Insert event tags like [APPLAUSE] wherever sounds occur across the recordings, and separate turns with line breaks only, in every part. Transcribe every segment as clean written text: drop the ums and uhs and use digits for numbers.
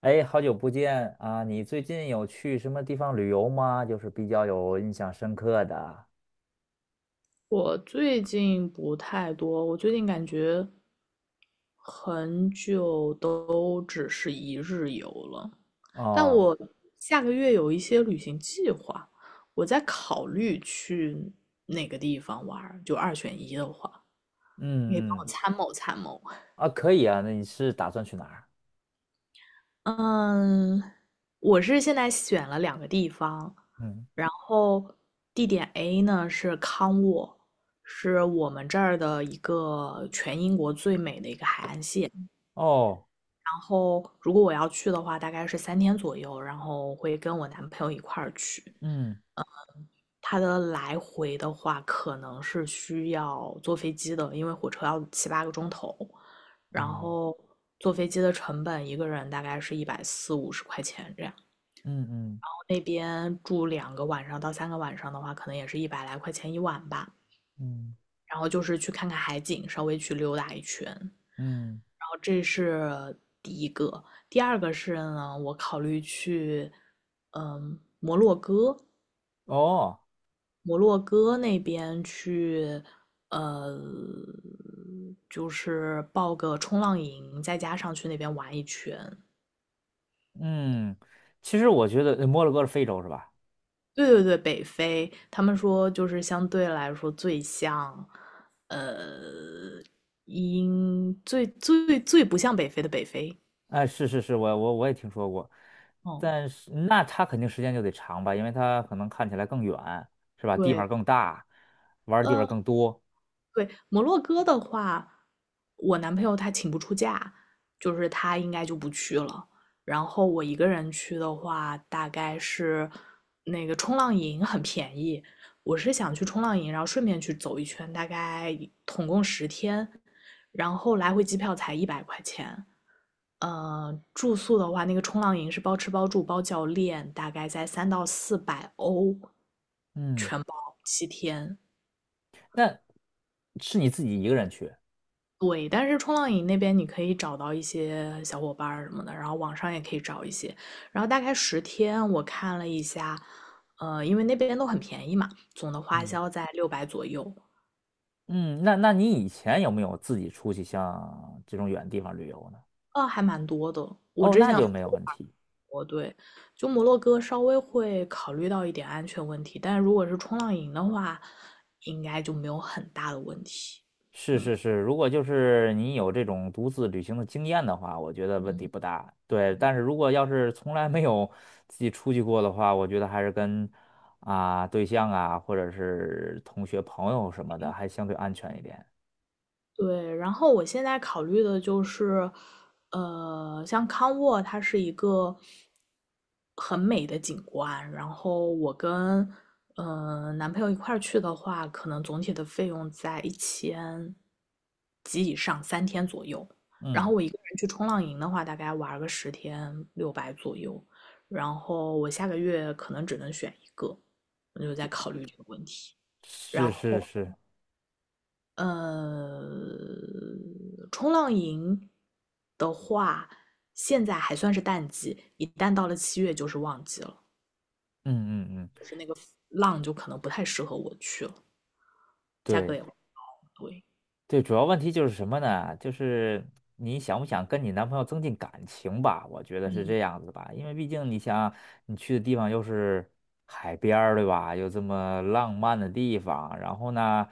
哎，好久不见啊！你最近有去什么地方旅游吗？就是比较有印象深刻的。
我最近不太多，我最近感觉很久都只是一日游了。但
哦。
我下个月有一些旅行计划，我在考虑去哪个地方玩儿就二选一的话，你可以帮
嗯
我
嗯。
参谋参谋。
啊，可以啊。那你是打算去哪儿？
嗯，我是现在选了两个地方，
嗯。
然后地点 A 呢是康沃，是我们这儿的一个全英国最美的一个海岸线。
哦。
然后如果我要去的话，大概是三天左右，然后会跟我男朋友一块儿去。
嗯
他的来回的话，可能是需要坐飞机的，因为火车要7、8个钟头，然
嗯
后坐飞机的成本一个人大概是140到150块钱这样。
嗯嗯
那边住2个晚上到3个晚上的话，可能也是100来块钱一晚吧。
嗯
然后就是去看看海景，稍微去溜达一圈。然
嗯。
后这是第一个，第二个是呢，我考虑去，嗯，摩洛哥，
哦。
摩洛哥那边去，呃，就是报个冲浪营，再加上去那边玩一圈。
嗯。其实我觉得摩洛哥是非洲是吧？
对对对，北非，他们说就是相对来说最像，呃，最最最不像北非的北非。
哎，是是是，我也听说过，
哦，
但是那它肯定时间就得长吧，因为它可能看起来更远，是吧？地
对，
方更大，玩儿的地方
呃，
更多。
对，摩洛哥的话，我男朋友他请不出假，就是他应该就不去了。然后我一个人去的话，大概是那个冲浪营很便宜，我是想去冲浪营，然后顺便去走一圈，大概一统共十天，然后来回机票才100块钱。住宿的话，那个冲浪营是包吃包住包教练，大概在300到400欧，
嗯。
全包7天。
那是你自己一个人去？
对，但是冲浪营那边你可以找到一些小伙伴什么的，然后网上也可以找一些。然后大概十天，我看了一下，因为那边都很便宜嘛，总的花
嗯。
销在六百左右。
嗯，那你以前有没有自己出去像这种远地方旅游呢？
啊，还蛮多的。我
哦，
之
那
前
就没有问题。
我对，就摩洛哥稍微会考虑到一点安全问题，但如果是冲浪营的话，应该就没有很大的问题。
是
嗯，
是是，如果就是你有这种独自旅行的经验的话，我觉得问题不大。对，但是如果要是从来没有自己出去过的话，我觉得还是跟啊对象啊，或者是同学朋友什么的，还相对安全一点。
对，然后我现在考虑的就是，像康沃，它是一个很美的景观，然后我跟男朋友一块儿去的话，可能总体的费用在1000及以上，三天左右。然
嗯，
后我一个人去冲浪营的话，大概玩个十天，六百左右。然后我下个月可能只能选一个，我就在考虑这个问题。
是
然
是
后。
是。
呃，冲浪营的话，现在还算是淡季，一旦到了7月就是旺季了，
嗯嗯嗯。
浪就可能不太适合我去了，价格
对。
也不贵。
对，主要问题就是什么呢？就是你想不想跟你男朋友增进感情吧？我觉得是
嗯，
这样子吧，因为毕竟你想，你去的地方又是海边儿，对吧？又这么浪漫的地方，然后呢，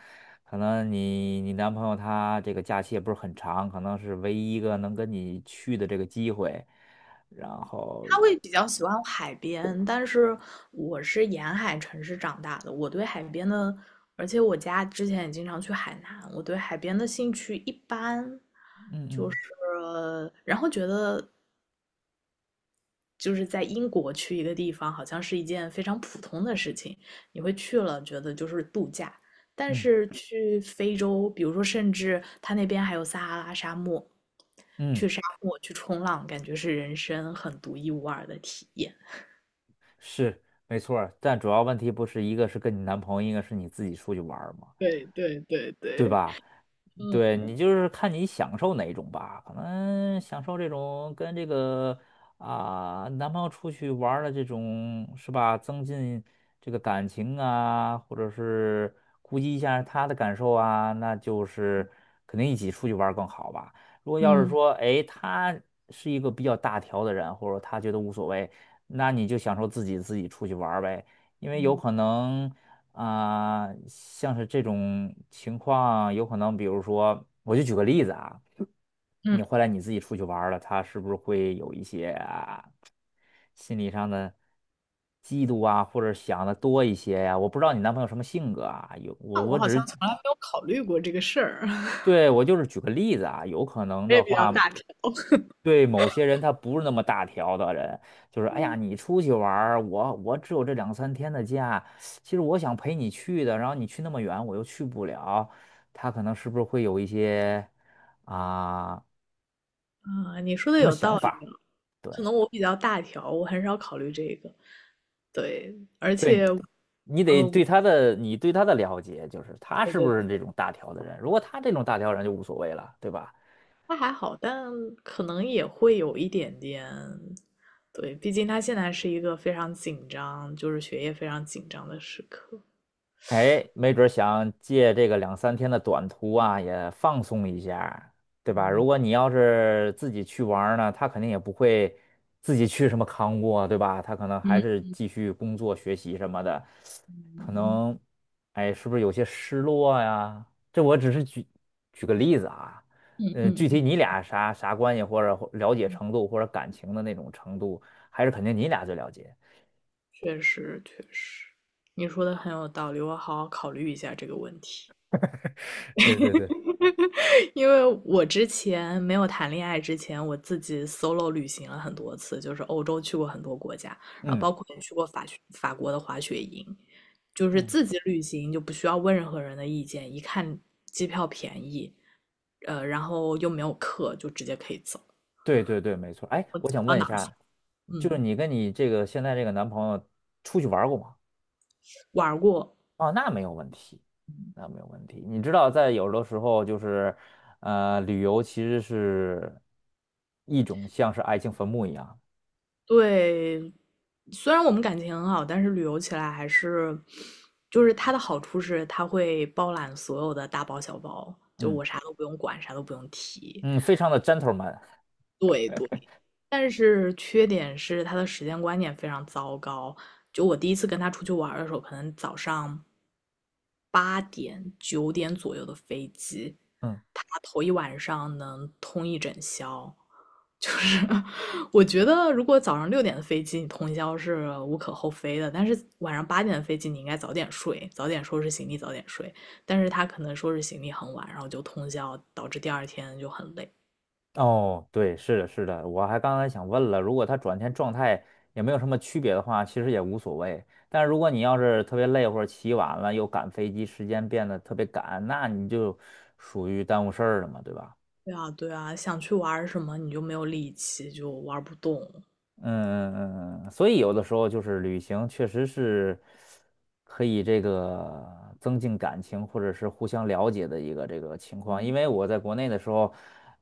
可能你男朋友他这个假期也不是很长，可能是唯一一个能跟你去的这个机会，然后，
他会比较喜欢海边，但是我是沿海城市长大的，我对海边的，而且我家之前也经常去海南，我对海边的兴趣一般，
嗯
就是
嗯
然后觉得就是在英国去一个地方，好像是一件非常普通的事情，你会去了觉得就是度假。但
嗯
是去非洲，比如说，甚至它那边还有撒哈拉沙漠，
嗯，
去沙漠去冲浪，感觉是人生很独一无二的体验。
是没错儿，但主要问题不是一个是跟你男朋友，一个是你自己出去玩儿嘛，
对对对
对
对，
吧？
嗯
对你就是看你享受哪一种吧，可能享受这种跟这个啊、男朋友出去玩儿的这种是吧，增进这个感情啊，或者是顾及一下他的感受啊，那就是肯定一起出去玩儿更好吧。如果要是
嗯
说，哎，他是一个比较大条的人，或者他觉得无所谓，那你就享受自己出去玩儿呗，因为有
嗯
可能。啊、像是这种情况，有可能，比如说，我就举个例子啊，
嗯，
你后来你自己出去玩儿了，他是不是会有一些啊心理上的嫉妒啊，或者想的多一些呀、我不知道你男朋友什么性格啊，有
那
我
我
我
好
只
像
是
从来没有考虑过这个事儿，[LAUGHS]
对我就是举个例子啊，有可能
我
的
也比较
话。
大条。
对某些人他不是那么大条的人，就是哎呀，你出去玩儿我只有这两三天的假，其实我想陪你去的，然后你去那么远，我又去不了，他可能是不是会有一些啊
啊，你说的
什么
有
想
道理
法？
啊，
对
可能我比较大条，我很少考虑这个。对，而且
对，你得
呃，我
对他的你对他的了解，就是他
对
是
对
不是
对，
这种大条的人，如果他这种大条人就无所谓了，对吧？
他还好，但可能也会有一点点，对，毕竟他现在是一个非常紧张，就是学业非常紧张的时刻。
哎，没准儿想借这个两三天的短途啊，也放松一下，对吧？如果你要是自己去玩儿呢，他肯定也不会自己去什么康过，对吧？他可能还
嗯
是继续工作、学习什么的，可
嗯
能，哎，是不是有些失落呀？这我只是举个例子啊，
嗯
具体
嗯，
你俩啥啥关系，或者或了解程度，或者感情的那种程度，还是肯定你俩最了解。
确实，确实，你说的很有道理，我好好考虑一下这个问题。
[LAUGHS] 对对对。
[LAUGHS] 因为我之前没有谈恋爱之前，我自己 solo 旅行了很多次，就是欧洲去过很多国家，然后
嗯。
包括也去过法国的滑雪营，就是
嗯。
自己旅行就不需要问任何人的意见，一看机票便宜，然后又没有课，就直接可以走，
对对对，没错。哎，我想
啊
问一
哪儿去
下，就是
嗯，
你跟你这个现在这个男朋友出去玩儿过吗？
玩过。
哦，那没有问题，那没有问题。你知道，在有的时候就是，旅游其实是一种像是爱情坟墓一样，
对，虽然我们感情很好，但是旅游起来还是，就是它的好处是它会包揽所有的大包小包，就
嗯
我啥都不用管，啥都不用提。
嗯，非常的 gentleman。
对对。但是缺点是他的时间观念非常糟糕。就我第一次跟他出去玩的时候，可能早上八点、9点左右的飞机，
[LAUGHS] 嗯。
他头一晚上能通一整宵。就是 [LAUGHS] 我觉得，如果早上6点的飞机你通宵是无可厚非的，但是晚上八点的飞机你应该早点睡，早点收拾行李，早点睡。但是他可能收拾行李很晚，然后就通宵，导致第二天就很累。
哦，对，是的，是的，我还刚才想问了，如果他转天状态也没有什么区别的话，其实也无所谓。但是如果你要是特别累或者起晚了，又赶飞机，时间变得特别赶，那你就属于耽误事儿了嘛，对吧？
对啊，对啊，想去玩儿什么你就没有力气，就玩儿不动。
嗯嗯嗯，嗯所以有的时候就是旅行确实是可以这个增进感情或者是互相了解的一个这个情况。因
嗯
为我在国内的时候，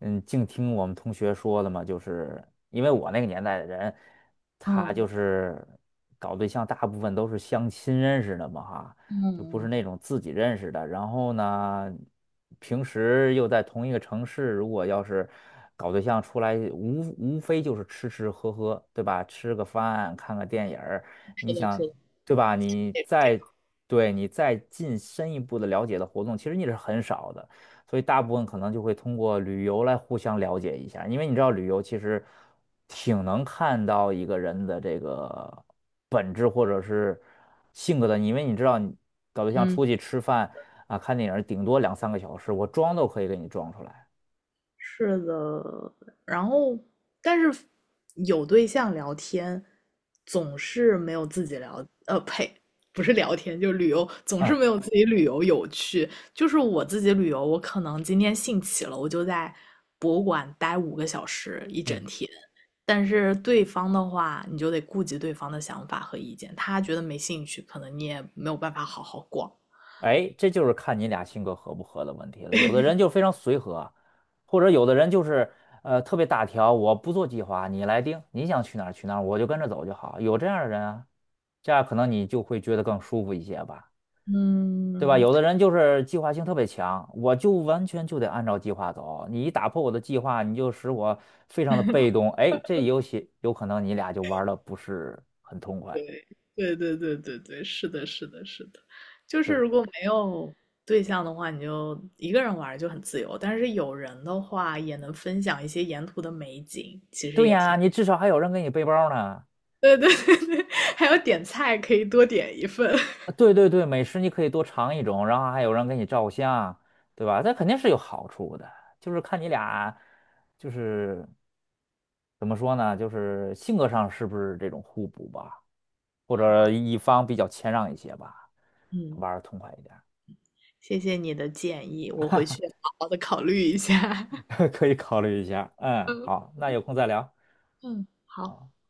嗯，净听我们同学说的嘛，就是因为我那个年代的人，他就
嗯
是搞对象大部分都是相亲认识的嘛哈，就不是
嗯，
那种自己认识的。然后呢，平时又在同一个城市，如果要是搞对象出来，无非就是吃吃喝喝，对吧？吃个饭，看个电影儿，
是
你
的，是
想，
的，
对吧？对你再进深一步的了解的活动，其实你是很少的。所以大部分可能就会通过旅游来互相了解一下，因为你知道旅游其实挺能看到一个人的这个本质或者是性格的，因为你知道你搞对象
嗯，
出去吃饭啊、看电影，顶多两三个小时，我装都可以给你装出来。
是的。然后，但是有对象聊天，总是没有自己聊，呸，不是聊天，就旅游，总
嗯
是没有自己旅游有趣。就是我自己旅游，我可能今天兴起了，我就在博物馆待5个小时一整
嗯，
天，但是对方的话，你就得顾及对方的想法和意见，他觉得没兴趣，可能你也没有办法好好逛。
哎，这就是看你俩性格合不合的问题了。有的人就非常随和，或者有的人就是特别大条，我不做计划，你来定，你想去哪儿去哪儿，我就跟着走就好。有这样的人啊，这样可能你就会觉得更舒服一些吧，对吧？
嗯，
有的人就是计划性特别强，我就完全就得按照计划走，你一打破我的计划，你就使我非常的被动。哎，这游戏有可能你俩就玩的不是很痛快。
对对对对对，是的，是的，是的，就是如果
对
没有对象的话，你就一个人玩儿就很自由，但是有人的话，也能分享一些沿途的美景，其实
对
也
呀，你至少还有人给你背包呢。
对对对对，[LAUGHS] 还有点菜可以多点一份。
啊，
[LAUGHS]
对对对，美食你可以多尝一种，然后还有人给你照相，对吧？这肯定是有好处的，就是看你俩，就是怎么说呢，就是性格上是不是这种互补吧，或
好，
者一方比较谦让一些吧，
嗯，
玩的痛快一点
谢谢你的建议，我回去好好的考虑一下。[LAUGHS]
儿 [LAUGHS] 可以考虑一下。嗯，
嗯
好，那有空再聊。
嗯，好。
啊。